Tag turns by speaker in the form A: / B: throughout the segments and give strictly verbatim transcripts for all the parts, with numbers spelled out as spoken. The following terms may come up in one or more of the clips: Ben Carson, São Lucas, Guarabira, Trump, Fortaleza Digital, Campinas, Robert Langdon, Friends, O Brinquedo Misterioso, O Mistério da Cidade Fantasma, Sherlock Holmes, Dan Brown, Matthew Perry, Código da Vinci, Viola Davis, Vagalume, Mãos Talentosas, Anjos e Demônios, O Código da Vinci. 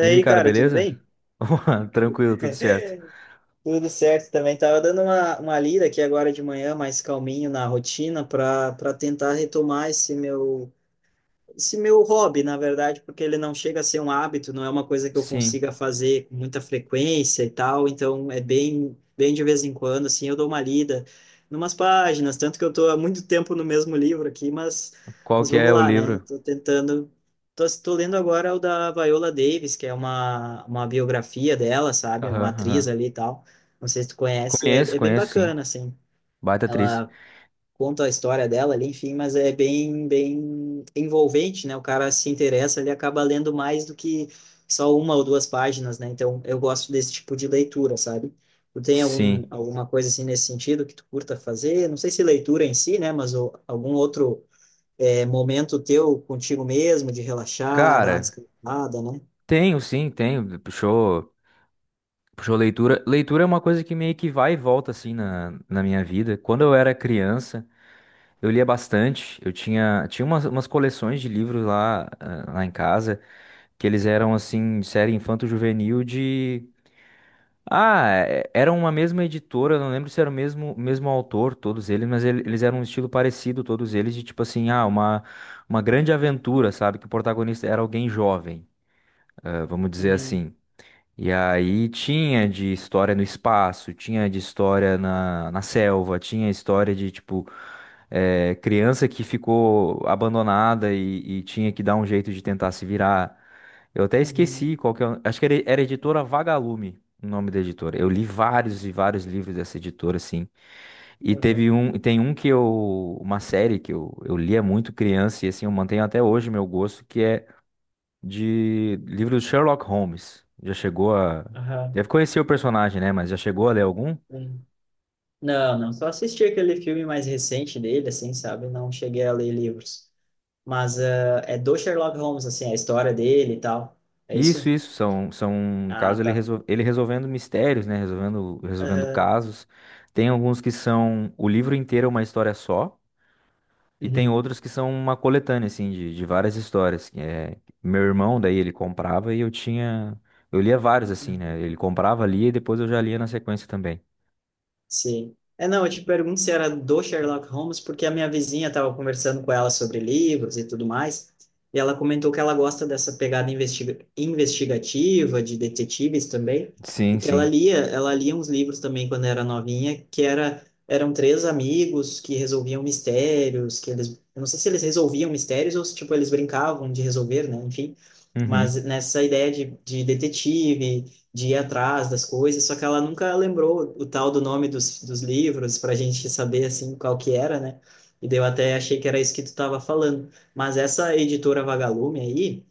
A: E aí, cara,
B: cara, tudo
A: beleza?
B: bem?
A: Opa, tranquilo, tudo certo.
B: Tudo certo também. Tava dando uma, uma lida aqui agora de manhã, mais calminho na rotina, para para tentar retomar esse meu esse meu hobby, na verdade, porque ele não chega a ser um hábito, não é uma coisa que eu
A: Sim.
B: consiga fazer com muita frequência e tal, então é bem, bem de vez em quando, assim, eu dou uma lida numas páginas, tanto que eu tô há muito tempo no mesmo livro aqui, mas,
A: Qual
B: mas
A: que
B: vamos
A: é o
B: lá, né?
A: livro?
B: Tô tentando, tô, tô lendo agora o da Viola Davis, que é uma, uma biografia dela, sabe?
A: Aham,
B: Uma atriz
A: aham.
B: ali e tal, não sei se tu conhece, é,
A: Conheço,
B: é bem
A: conheço, sim.
B: bacana, assim.
A: Baita atriz.
B: Ela conta a história dela ali, enfim, mas é bem, bem envolvente, né? O cara se interessa, ele acaba lendo mais do que só uma ou duas páginas, né? Então, eu gosto desse tipo de leitura, sabe? Tu tem algum,
A: Sim.
B: alguma coisa assim nesse sentido que tu curta fazer? Não sei se leitura em si, né? Mas o- algum outro é, momento teu contigo mesmo, de relaxar, dar uma
A: Cara,
B: descansada, né?
A: tenho, sim, tenho. Puxou, puxou leitura. Leitura é uma coisa que meio que vai e volta, assim, na, na minha vida. Quando eu era criança, eu lia bastante. Eu tinha, tinha umas, umas coleções de livros lá, ah, lá em casa, que eles eram, assim, de série infanto-juvenil de... Ah, é- era uma mesma editora, eu não lembro se era o mesmo, mesmo autor, todos eles, mas ele- eles eram um estilo parecido, todos eles, de tipo assim, ah, uma, uma grande aventura, sabe? Que o protagonista era alguém jovem, eh, vamos dizer
B: Uhum,
A: assim. E aí tinha de história no espaço, tinha de história na, na selva, tinha história de, tipo, eh, criança que ficou abandonada e, e tinha que dar um jeito de tentar se virar. Eu até
B: uhum,
A: esqueci qual que é. o- Acho que era, era editora Vagalume, o nome da editora. Eu li vários e vários livros dessa editora, assim. E teve
B: uhum,
A: um, tem um que eu, uma série que eu, eu lia muito criança e assim eu mantenho até hoje meu gosto, que é de livro do Sherlock Holmes. Já chegou a,
B: aham,
A: deve conhecer o personagem, né? Mas já chegou a ler algum?
B: sim. Não, não, só assisti aquele filme mais recente dele, assim, sabe? Não cheguei a ler livros. Mas ah, é do Sherlock Holmes, assim, a história dele e tal. É
A: Isso,
B: isso?
A: isso são, são no caso
B: Ah,
A: ele,
B: tá.
A: resol, ele resolvendo mistérios, né? Resolvendo, resolvendo
B: Aham.
A: casos. Tem alguns que são o livro inteiro é uma história só. E tem
B: Uhum.
A: outros que são uma coletânea, assim, de, de várias histórias. Que É, meu irmão, daí, ele comprava e eu tinha. Eu lia vários, assim, né? Ele comprava, lia e depois eu já lia na sequência também.
B: Sim. É, não, eu te pergunto se era do Sherlock Holmes, porque a minha vizinha estava conversando com ela sobre livros e tudo mais, e ela comentou que ela gosta dessa pegada investiga- investigativa, de detetives também, e
A: Sim,
B: que ela
A: sim.
B: lia, ela lia uns livros também quando era novinha, que era, eram três amigos que resolviam mistérios, que eles, eu não sei se eles resolviam mistérios ou se, tipo, eles brincavam de resolver, né, enfim, mas
A: Uhum.
B: nessa ideia de, de detetive de ir atrás das coisas, só que ela nunca lembrou o tal do nome dos, dos livros para a gente saber assim qual que era, né? E daí eu até achei que era isso que tu estava falando. Mas essa editora Vagalume aí,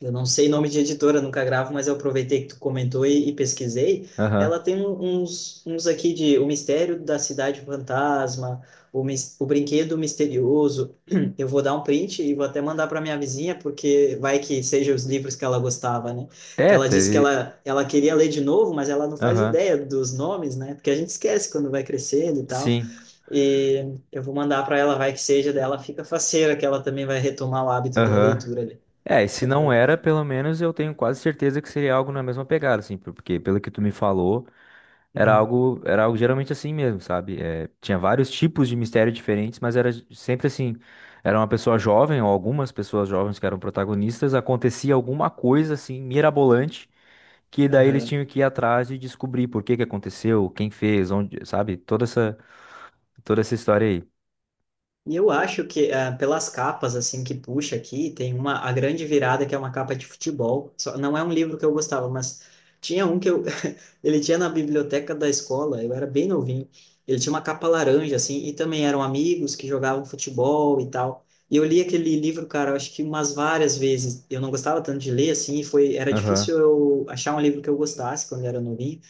B: eu não sei nome de editora, nunca gravo, mas eu aproveitei que tu comentou e, e pesquisei. Ela
A: Aham.
B: tem um- uns, uns aqui de O Mistério da Cidade Fantasma, o, Mis- o Brinquedo Misterioso. Eu vou dar um print e vou até mandar para minha vizinha, porque vai que seja os livros que ela gostava, né? Que
A: É,
B: ela disse que
A: teve.
B: ela, ela queria ler de novo, mas ela não faz
A: Aham.
B: ideia dos nomes, né? Porque a gente esquece quando vai crescendo e tal.
A: Sim.
B: E eu vou mandar para ela, vai que seja dela, fica faceira, que ela também vai retomar o hábito da
A: Aham.
B: leitura ali.
A: É, e se não era, pelo menos eu tenho quase certeza que seria algo na mesma pegada, assim, por- porque pelo que tu me falou. Era
B: Uhum.
A: algo, era algo geralmente assim mesmo, sabe? Eh, tinha vários tipos de mistério diferentes, mas era sempre assim. Era uma pessoa jovem, ou algumas pessoas jovens que eram protagonistas, acontecia alguma coisa assim, mirabolante, que daí eles
B: Aham.
A: tinham que ir atrás e descobrir por que que aconteceu, quem fez, onde, sabe? Toda essa, toda essa história aí.
B: E eu acho que ah, pelas capas assim que puxa aqui, tem uma a grande virada que é uma capa de futebol. Só, não é um livro que eu gostava, mas tinha um que eu ele tinha na biblioteca da escola, eu era bem novinho. Ele tinha uma capa laranja assim e também eram amigos que jogavam futebol e tal. E eu li aquele livro, cara, eu acho que umas várias vezes. Eu não gostava tanto de ler assim, e foi era
A: Aham,
B: difícil eu achar um livro que eu gostasse quando eu era novinho.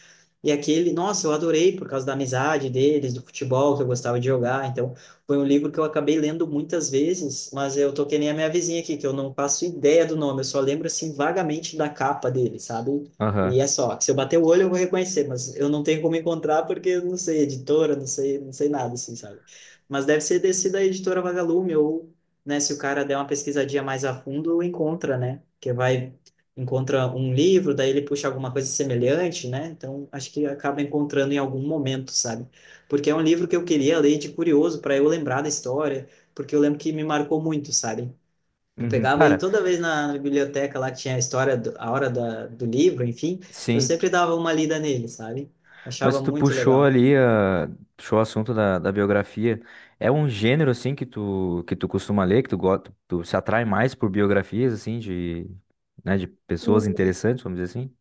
B: E aquele, nossa, eu adorei por causa da amizade deles, do futebol que eu gostava de jogar. Então, foi um livro que eu acabei lendo muitas vezes, mas eu tô que nem a minha vizinha aqui, que eu não faço ideia do nome, eu só lembro assim vagamente da capa dele, sabe?
A: aham.
B: E é só, que se eu bater o olho eu vou reconhecer, mas eu não tenho como encontrar porque eu não sei editora, não sei, não sei nada assim, sabe? Mas deve ser desse da editora Vagalume ou, né, se o cara der uma pesquisadinha mais a fundo, encontra, né? Que vai encontra um livro, daí ele puxa alguma coisa semelhante, né? Então, acho que acaba encontrando em algum momento, sabe? Porque é um livro que eu queria ler de curioso para eu lembrar da história, porque eu lembro que me marcou muito, sabe? Eu
A: Uhum.
B: pegava ele
A: Cara,
B: toda vez na, na biblioteca lá que tinha a história, do, a hora da, do livro, enfim, eu
A: sim.
B: sempre dava uma lida nele, sabe? Achava
A: Mas tu
B: muito
A: puxou
B: legal.
A: ali, ah, puxou o assunto da, da biografia. É um gênero, assim, que tu, que tu costuma ler, que tu, go- tu se atrai mais por biografias, assim, de, né, de pessoas interessantes, vamos dizer assim?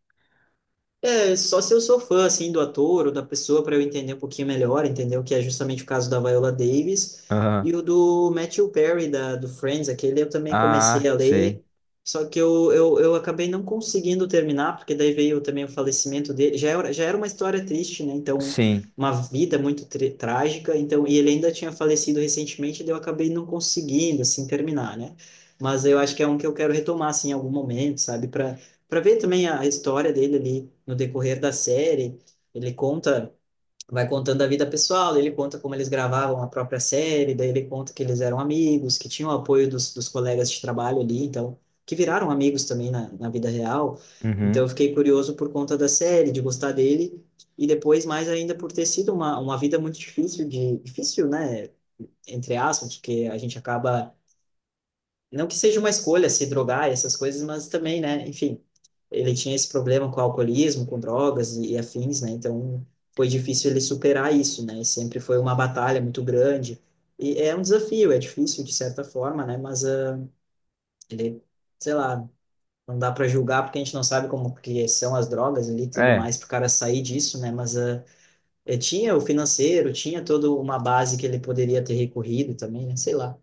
B: É, só se eu sou fã, assim, do ator ou da pessoa para eu entender um pouquinho melhor, entendeu? Que é justamente o caso da Viola Davis.
A: Aham.
B: E o do Matthew Perry, da, do Friends, aquele eu também comecei
A: Ah,
B: a ler,
A: sei.
B: só que eu, eu, eu acabei não conseguindo terminar, porque daí veio também o falecimento dele. Já era, já era uma história triste, né? Então,
A: Sim.
B: uma vida muito tri- trágica. Então, e ele ainda tinha falecido recentemente, daí eu acabei não conseguindo, assim, terminar, né? Mas eu acho que é um que eu quero retomar, assim, em algum momento, sabe? Para para ver também a história dele ali no decorrer da série. Ele conta, vai contando a vida pessoal, ele conta como eles gravavam a própria série, daí ele conta que eles eram amigos, que tinham o apoio dos, dos colegas de trabalho ali, então, que viraram amigos também na, na vida real. Então, eu
A: Uhum.
B: fiquei curioso por conta da série, de gostar dele, e depois mais ainda por ter sido uma, uma vida muito difícil de, difícil, né? Entre aspas, porque a gente acaba não que seja uma escolha se drogar e essas coisas, mas também, né, enfim, ele tinha esse problema com alcoolismo, com drogas e, e afins, né, então foi difícil ele superar isso, né, e sempre foi uma batalha muito grande, e é um desafio, é difícil de certa forma, né, mas ah, ele, sei lá, não dá para julgar porque a gente não sabe como que são as drogas ali e tudo
A: É,
B: mais, para o cara sair disso, né, mas ah, eh, tinha o financeiro, tinha toda uma base que ele poderia ter recorrido também, né, sei lá,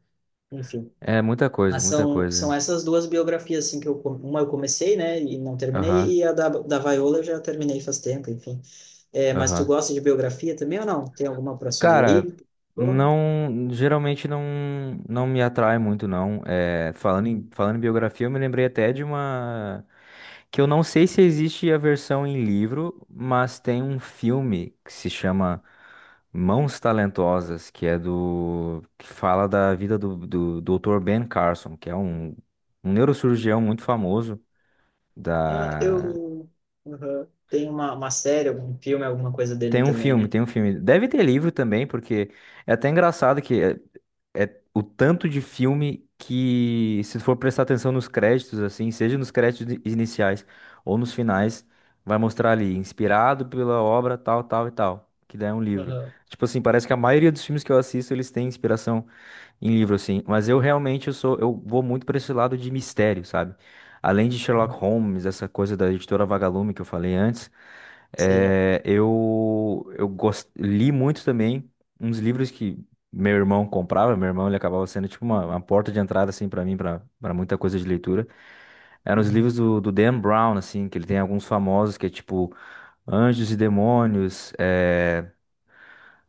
B: enfim.
A: é muita coisa,
B: Mas
A: muita
B: são, são
A: coisa.
B: essas duas biografias, assim, que eu, com- uma eu comecei, né, e não
A: Aham,
B: terminei, e a da, da Viola eu já terminei faz tempo, enfim. É, mas tu
A: aham.
B: gosta de biografia também ou não? Tem alguma para
A: Cara,
B: sugerir?
A: não, geralmente não, não me atrai muito, não. É, falando em,
B: Uhum.
A: falando em biografia, eu me lembrei até de uma. Que eu não sei se existe a versão em livro, mas tem um filme que se chama Mãos Talentosas, que é do, que fala da vida do, do doutor Ben Carson, que é um, um neurocirurgião muito famoso
B: Ah,
A: da.
B: eu uhum. Tem uma, uma série, algum filme, alguma coisa dele
A: Tem um
B: também,
A: filme,
B: né?
A: tem um filme. Deve ter livro também, porque é até engraçado que é, é o tanto de filme que, se for prestar atenção nos créditos, assim, seja nos créditos i- iniciais ou nos finais, vai mostrar ali, inspirado pela obra tal, tal e tal, que daí é um livro.
B: Uhum.
A: Tipo assim, parece que a maioria dos filmes que eu assisto, eles têm inspiração em livro, assim. Mas eu realmente, eu sou, eu vou muito para esse lado de mistério, sabe? Além de Sherlock
B: Uhum.
A: Holmes, essa coisa da editora Vagalume que eu falei antes,
B: Sei.
A: eh, eu, eu gos- li muito também uns livros que meu irmão comprava. Meu irmão ele acabava sendo tipo uma, uma porta de entrada assim para mim, para para muita coisa de leitura. Eram os
B: Uhum.
A: livros do, do Dan Brown, assim, que ele tem alguns famosos que é tipo Anjos e Demônios. eh,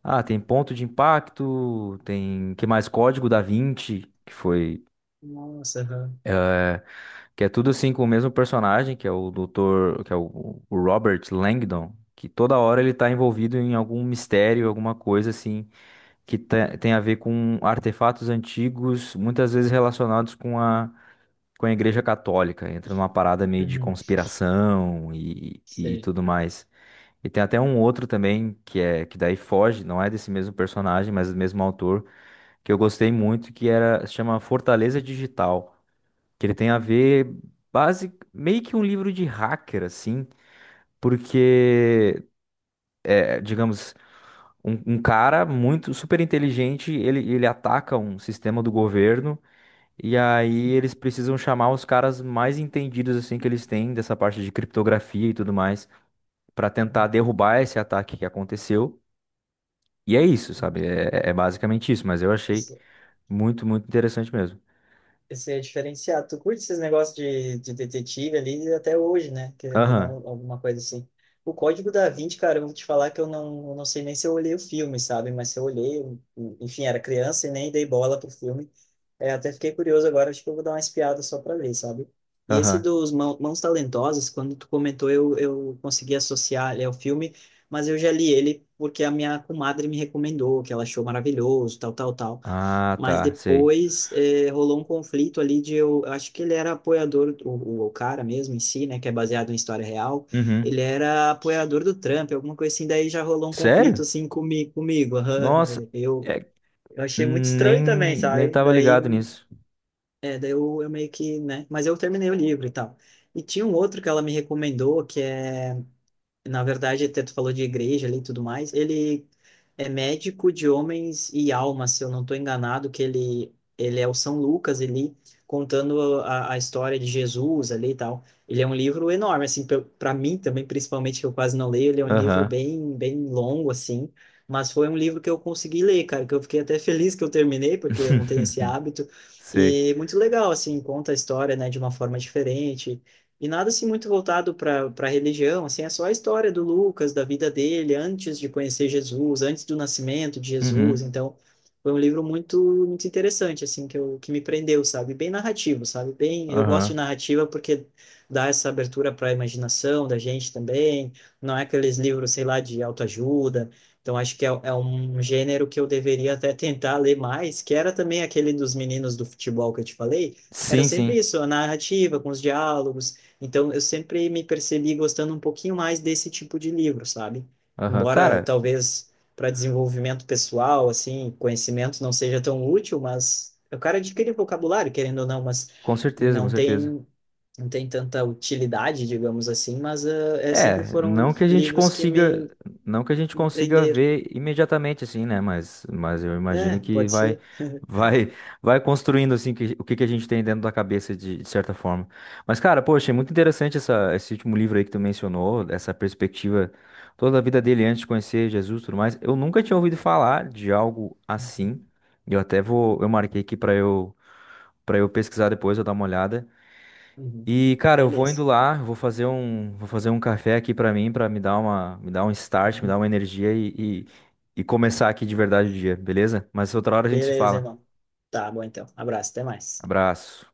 A: Ah, tem Ponto de Impacto, tem que mais Código da Vinci, que foi.
B: Nossa, aham.
A: Que é tudo assim com o mesmo personagem, que é o doutor, que é o, o Robert Langdon, que toda hora ele tá envolvido em algum mistério, alguma coisa assim, que te- tem a ver com artefatos antigos, muitas vezes relacionados com a, com a Igreja Católica. Entra numa parada meio de
B: Uhum.
A: conspiração e, e
B: Sei.
A: tudo mais. E tem até um outro também, que é que daí foge, não é desse mesmo personagem, mas do mesmo autor, que eu gostei muito, que era, se chama Fortaleza Digital, que ele tem a ver base meio que um livro de hacker assim, porque é, digamos um, um cara muito super inteligente, ele ele ataca um sistema do governo e aí
B: Uhum.
A: eles precisam chamar os caras mais entendidos assim que eles têm dessa parte de criptografia e tudo mais para tentar derrubar esse ataque que aconteceu. E é isso,
B: Uhum.
A: sabe? É, é é basicamente isso, mas eu achei
B: Mas,
A: muito, muito interessante mesmo.
B: isso é diferenciado. Tu curte esses negócios de, de detetive ali até hoje, né? Querendo ou
A: Aham,
B: não, alguma coisa assim. O Código da Vinci, cara, eu vou te falar que eu não, eu não sei nem se eu olhei o filme, sabe? Mas se eu olhei, eu- enfim, era criança e nem dei bola pro filme. É, até fiquei curioso agora, acho que eu vou dar uma espiada só pra ver, sabe? E esse
A: aham.
B: dos Mão- Mãos Talentosas, quando tu comentou, eu, eu consegui associar ele ao filme, mas eu já li ele porque a minha comadre me recomendou, que ela achou maravilhoso, tal, tal, tal.
A: Ah,
B: Mas
A: tá, sei.
B: depois eh, rolou um conflito ali de eu, eu acho que ele era apoiador, o, o, o cara mesmo em si, né, que é baseado em história real, ele
A: Uhum.
B: era apoiador do Trump, alguma coisa assim, daí já rolou um conflito
A: Sério?
B: assim comi, comigo. Aham,
A: Nossa,
B: eh, Eu,
A: é,
B: eu achei muito
A: nem,
B: estranho também,
A: nem
B: sabe?
A: tava
B: Daí,
A: ligado nisso.
B: é, daí eu, eu meio que, né, mas eu terminei o livro e tal. E tinha um outro que ela me recomendou, que é na verdade, até tu falou de igreja ali e tudo mais, ele é médico de homens e almas, se eu não estou enganado, que ele, ele é o São Lucas ali, contando a, a história de Jesus ali e tal. Ele é um livro enorme, assim, para mim também, principalmente, que eu quase não leio, ele é um livro
A: Aham.
B: bem, bem longo, assim, mas foi um livro que eu consegui ler, cara, que eu fiquei até feliz que eu terminei, porque eu não tenho esse hábito,
A: Sei.
B: e muito legal, assim, conta a história, né, de uma forma diferente, e nada assim muito voltado para para religião, assim, é só a história do Lucas, da vida dele antes de conhecer Jesus, antes do nascimento de Jesus.
A: Uhum.
B: Então, foi um livro muito muito interessante assim que eu, que me prendeu, sabe? Bem narrativo, sabe? Bem, eu gosto de
A: Aham.
B: narrativa porque dá essa abertura para a imaginação da gente também. Não é aqueles livros, sei lá, de autoajuda. Então, acho que é, é um gênero que eu deveria até tentar ler mais, que era também aquele dos meninos do futebol que eu te falei. Era
A: Sim,
B: sempre
A: sim.
B: isso, a narrativa com os diálogos então, eu sempre me percebi gostando um pouquinho mais desse tipo de livro, sabe?
A: Aham.
B: Embora
A: Cara,
B: talvez para desenvolvimento pessoal, assim, conhecimento não seja tão útil, mas o cara adquire vocabulário, querendo ou não, mas
A: com certeza, com
B: não
A: certeza.
B: tem não tem tanta utilidade, digamos assim, mas uh, é, sempre
A: É,
B: foram
A: não que a gente
B: livros que
A: consiga,
B: me,
A: não que a gente
B: me
A: consiga
B: prenderam.
A: ver imediatamente assim, né? Mas, mas eu
B: É,
A: imagino que
B: pode
A: vai,
B: ser.
A: vai, vai construindo assim que- o que que a gente tem dentro da cabeça de, de certa forma. Mas cara, poxa, é muito interessante essa, esse último livro aí que tu mencionou, essa perspectiva toda a vida dele antes de conhecer Jesus, e tudo mais. Eu nunca tinha ouvido falar de algo
B: Uhum.
A: assim. Eu até vou, eu marquei aqui para eu, para eu pesquisar depois, eu dar uma olhada.
B: Uhum.
A: E, cara, eu vou indo
B: Beleza.
A: lá, vou fazer um, vou fazer um café aqui pra mim, pra me dar uma, me dar um start, me dar
B: Uhum.
A: uma energia e, e, e começar aqui de verdade o dia, beleza? Mas outra hora a gente se
B: Beleza,
A: fala.
B: irmão. Tá bom, então. Abraço, até mais.
A: Abraço.